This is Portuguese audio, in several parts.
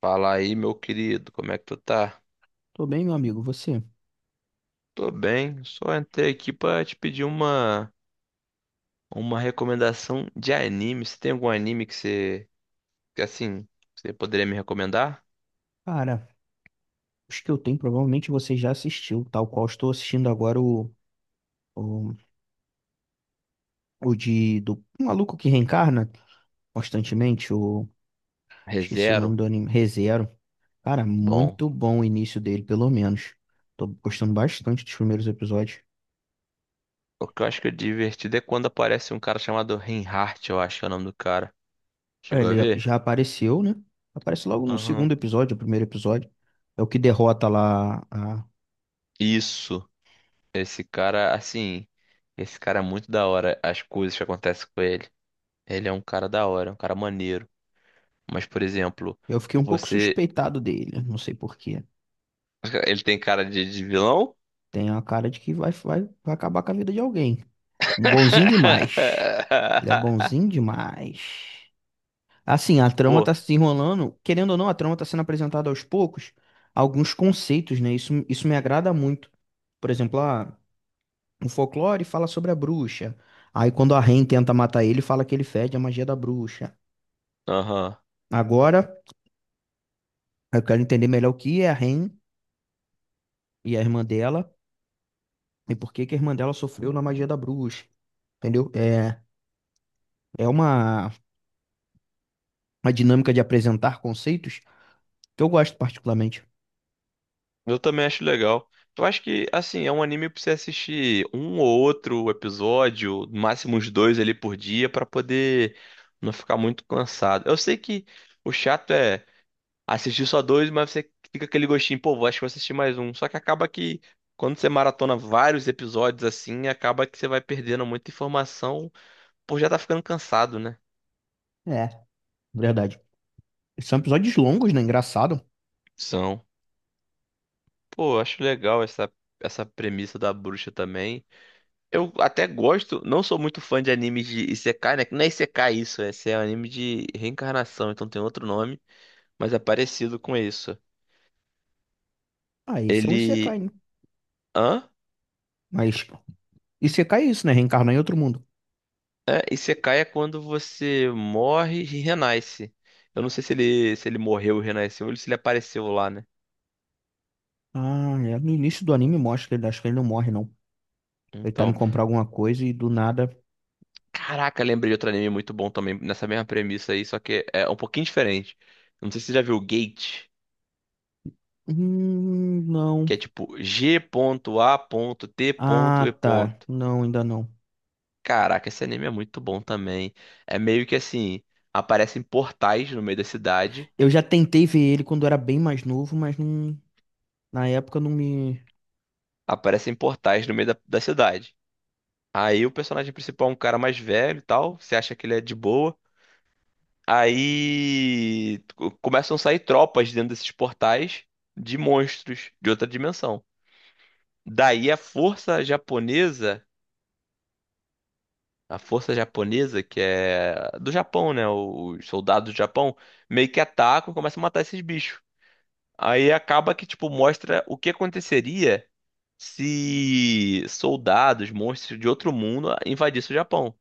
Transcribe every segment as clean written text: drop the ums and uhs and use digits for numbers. Fala aí, meu querido, como é que tu tá? Tô bem, meu amigo. Você? Tô bem, só entrei aqui pra te pedir uma, recomendação de anime. Você tem algum anime que você, que assim, você poderia me recomendar? Cara, os que eu tenho provavelmente você já assistiu, tal qual estou assistindo agora o, o de do um maluco que reencarna constantemente, o esqueci o nome ReZero? do anime, ReZero. Cara, Bom. muito bom o início dele, pelo menos. Tô gostando bastante dos primeiros episódios. O que eu acho que é divertido é quando aparece um cara chamado Reinhardt, eu acho que é o nome do cara. É, Chegou a ele ver? já apareceu, né? Aparece logo no Aham. segundo episódio, o primeiro episódio. É o que derrota lá a... Isso. Esse cara, assim, esse cara é muito da hora, as coisas que acontecem com ele. Ele é um cara da hora, é um cara maneiro. Mas, por exemplo, Eu fiquei um pouco você. suspeitado dele, não sei por quê. Ele tem cara de vilão? Tem a cara de que vai acabar com a vida de alguém. Um bonzinho demais. Ele é bonzinho demais. Assim, a trama tá Pô, se enrolando. Querendo ou não, a trama tá sendo apresentada aos poucos. Alguns conceitos, né? Isso me agrada muito. Por exemplo, o folclore fala sobre a bruxa. Aí quando a Rain tenta matar ele, fala que ele fede a magia da bruxa. aham. Agora, eu quero entender melhor o que é a Rain e a irmã dela. E por que que a irmã dela sofreu na magia da bruxa. Entendeu? É uma dinâmica de apresentar conceitos que eu gosto particularmente. Eu também acho legal. Eu acho que, assim, é um anime pra você assistir um ou outro episódio, no máximo uns dois ali por dia, pra poder não ficar muito cansado. Eu sei que o chato é assistir só dois, mas você fica aquele gostinho, pô, acho que vou assistir mais um. Só que acaba que, quando você maratona vários episódios assim, acaba que você vai perdendo muita informação, pô, já tá ficando cansado, né? É. Verdade. São episódios longos, né? Engraçado. São. Pô, eu acho legal essa, premissa da bruxa também. Eu até gosto, não sou muito fã de animes de Isekai, né? Que não é Isekai isso, é, esse é um anime de reencarnação, então tem outro nome, mas é parecido com isso. Ah, esse é um Isekai, Ele. né? Hã? Mas Isekai é isso, né? Reencarnar em outro mundo. É, Isekai é quando você morre e renasce. Eu não sei se ele, se ele morreu e renasceu ou se ele apareceu lá, né? Ah, é. No início do anime mostra que ele acho que ele não morre, não. Ele tá indo Então. comprar alguma coisa e do nada. Caraca, lembrei de outro anime muito bom também, nessa mesma premissa aí, só que é um pouquinho diferente. Não sei se você já viu Gate, Não. que é tipo G.A.T.E. Ah, tá. Não, ainda não. Caraca, esse anime é muito bom também. É meio que assim, aparecem portais no meio da cidade, Eu já tentei ver ele quando era bem mais novo, mas não, na época não me. aparecem portais no meio da cidade. Aí o personagem principal é um cara mais velho e tal, você acha que ele é de boa. Aí começam a sair tropas dentro desses portais de monstros de outra dimensão. Daí a força japonesa, que é do Japão, né? Os soldados do Japão, meio que atacam e começam a matar esses bichos. Aí acaba que, tipo, mostra o que aconteceria se soldados, monstros de outro mundo invadissem o Japão.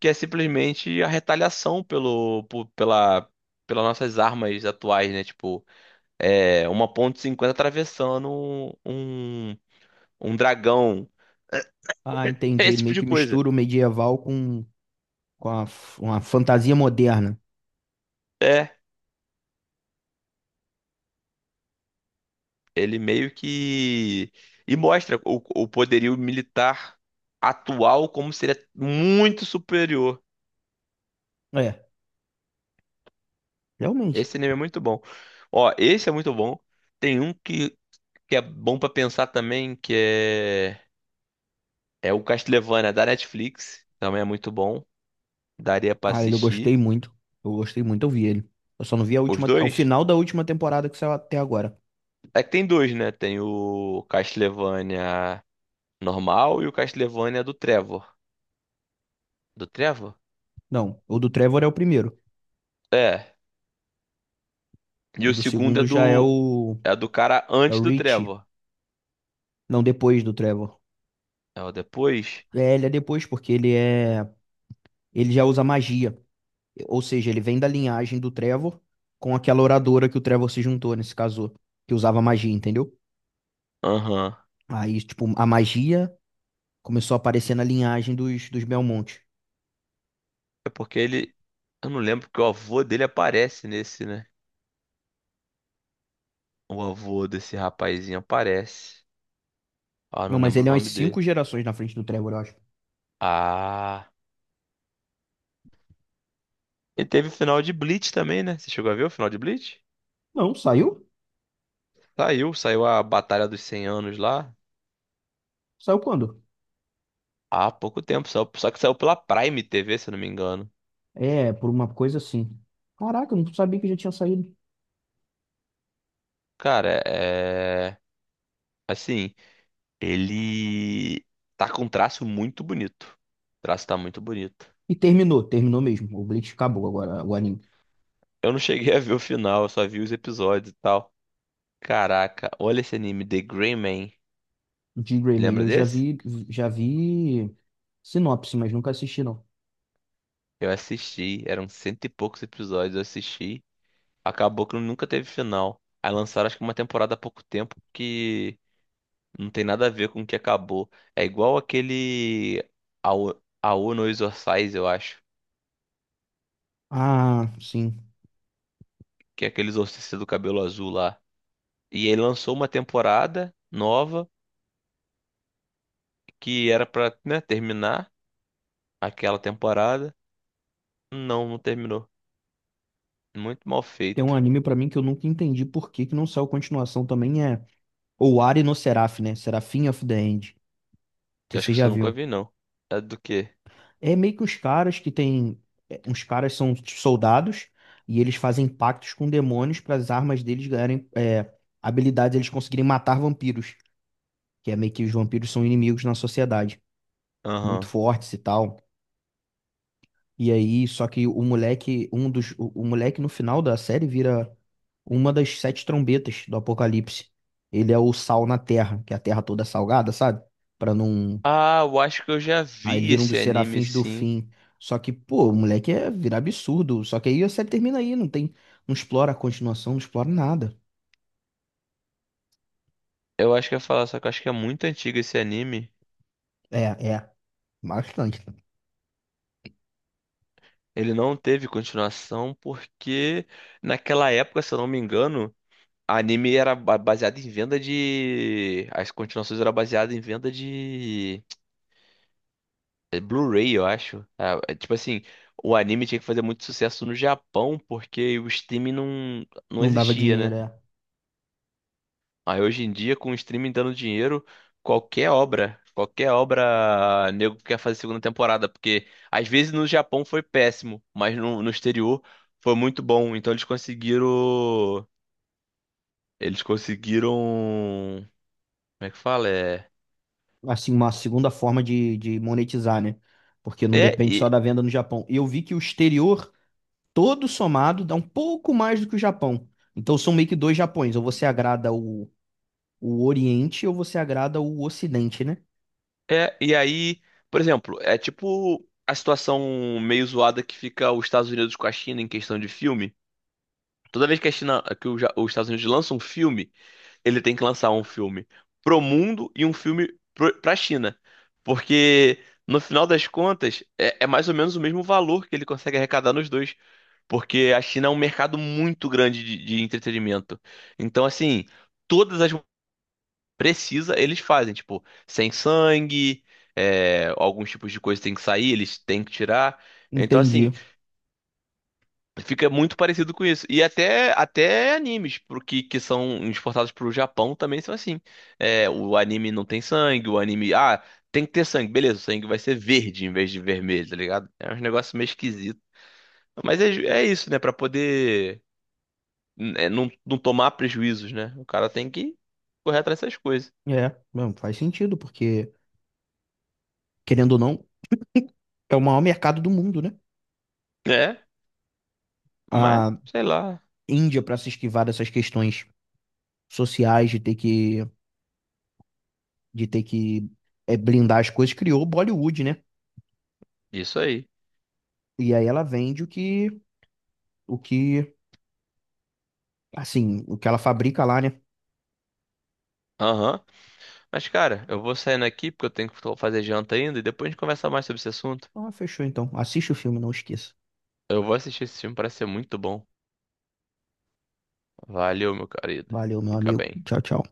Que é simplesmente a retaliação pelas nossas armas atuais, né? Tipo, é, uma ponto e cinquenta atravessando um, um, um dragão, Ah, entendi. esse Ele tipo meio de que coisa. mistura o medieval com, uma fantasia moderna. É, ele meio que e mostra o, poderio militar atual como seria muito superior. É, realmente. Esse anime é muito bom. Ó, esse é muito bom. Tem um que é bom pra pensar também, que é é o Castlevania da Netflix, também é muito bom. Daria pra Ah, ele eu assistir gostei muito. Eu gostei muito, eu vi ele. Eu só não vi a os última, ao dois. final da última temporada que saiu até agora. É que tem dois, né? Tem o Castlevania normal e o Castlevania do Trevor. Do Trevor? Não, o do Trevor é o primeiro. É. E O o do segundo segundo já é o é do cara é antes o do Rich. Trevor. Não, depois do Trevor. É o depois? É, ele é depois porque ele já usa magia. Ou seja, ele vem da linhagem do Trevor com aquela oradora que o Trevor se juntou nesse caso, que usava magia, entendeu? Aham. Aí, tipo, a magia começou a aparecer na linhagem dos Belmont. É porque ele. Eu não lembro porque o avô dele aparece nesse, né? O avô desse rapazinho aparece. Ah, não Não, mas lembro o ele é umas nome cinco dele. gerações na frente do Trevor, eu acho. Ah. E teve o final de Bleach também, né? Você chegou a ver o final de Bleach? Não, saiu? Saiu, saiu a Batalha dos cem Anos lá. Saiu quando? Há pouco tempo, só que saiu pela Prime TV, se eu não me engano. É, por uma coisa assim. Caraca, eu não sabia que já tinha saído. Cara, é. Assim, ele. Tá com um traço muito bonito. O traço tá muito bonito. E terminou, terminou mesmo. O Bleach acabou agora, o anime. Eu não cheguei a ver o final, eu só vi os episódios e tal. Caraca, olha esse anime, The Gray Man. De Greyman Lembra eu desse? Já vi sinopse, mas nunca assisti não. Eu assisti, eram cento e poucos episódios, eu assisti. Acabou que nunca teve final. Aí lançaram acho que uma temporada há pouco tempo que não tem nada a ver com o que acabou. É igual aquele Ao no Exorcise, eu acho. Ah, sim. Que é aquele exorcista do cabelo azul lá. E ele lançou uma temporada nova que era pra, né, terminar aquela temporada. Não, não terminou. Muito mal Tem um feito. anime pra mim que eu nunca entendi por que que não saiu continuação também é Owari no Seraph, né? Seraphim of the End. Não Eu sei se acho vocês que isso já eu nunca viram. vi, não. É do quê? É meio que uns caras que tem é, uns caras são soldados e eles fazem pactos com demônios para as armas deles ganharem habilidades, eles conseguirem matar vampiros. Que é meio que os vampiros são inimigos na sociedade, muito Aham. fortes e tal. E aí, só que o moleque, o moleque no final da série vira uma das sete trombetas do Apocalipse. Ele é o sal na terra, que é a terra toda é salgada, sabe? Pra não. Ah, eu acho que eu já Aí ele vi vira um esse dos anime, serafins do sim. fim. Só que, pô, o moleque é virar absurdo. Só que aí a série termina aí, não tem. Não explora a continuação, não explora nada. Eu acho que eu ia falar, só que eu acho que é muito antigo esse anime. É, é. Bastante. Ele não teve continuação porque naquela época, se eu não me engano, anime era baseado em venda de. As continuações eram baseadas em venda de. É, Blu-ray, eu acho. Ah, é tipo assim, o anime tinha que fazer muito sucesso no Japão porque o streaming não Não dava existia, dinheiro, né? é. Aí hoje em dia, com o streaming dando dinheiro, qualquer obra, nego quer fazer segunda temporada, porque às vezes no Japão foi péssimo, mas no exterior foi muito bom. Então eles conseguiram, como é que fala? Assim, uma segunda forma de monetizar, né? Porque não é, depende só e- da venda no Japão. E eu vi que o exterior todo somado dá um pouco mais do que o Japão. Então são meio que dois Japões. Ou você agrada o Oriente ou você agrada o Ocidente, né? E aí, por exemplo, é tipo a situação meio zoada que fica os Estados Unidos com a China em questão de filme. Toda vez que a China, que o Ja- os Estados Unidos lançam um filme, ele tem que lançar um filme pro mundo e um filme pra China. Porque, no final das contas, é mais ou menos o mesmo valor que ele consegue arrecadar nos dois. Porque a China é um mercado muito grande de entretenimento. Então, assim, todas as precisa, eles fazem, tipo, sem sangue, é, alguns tipos de coisa tem que sair, eles têm que tirar. Então, assim, Entendi. fica muito parecido com isso. E até, até animes pro que são exportados pro Japão também são assim. É, o anime não tem sangue, o anime. Ah, tem que ter sangue. Beleza, o sangue vai ser verde em vez de vermelho, tá ligado? É um negócio meio esquisito. Mas é, é isso, né? Pra poder é, não, não tomar prejuízos, né? O cara tem que correr atrás dessas coisas. É, não, faz sentido, porque, querendo ou não, é o maior mercado do mundo, né? É, mas A sei lá. Índia, para se esquivar dessas questões sociais de ter de ter que blindar as coisas, criou o Bollywood, né? Isso aí. E aí ela vende o que, o que... Assim, o que ela fabrica lá, né? Aham. Mas, cara, eu vou saindo aqui porque eu tenho que fazer janta ainda e depois a gente conversa mais sobre esse assunto. Ah, fechou então. Assiste o filme, não esqueça. Eu vou assistir esse filme, parece ser muito bom. Valeu, meu querido. Valeu, meu Fica amigo. bem. Tchau, tchau.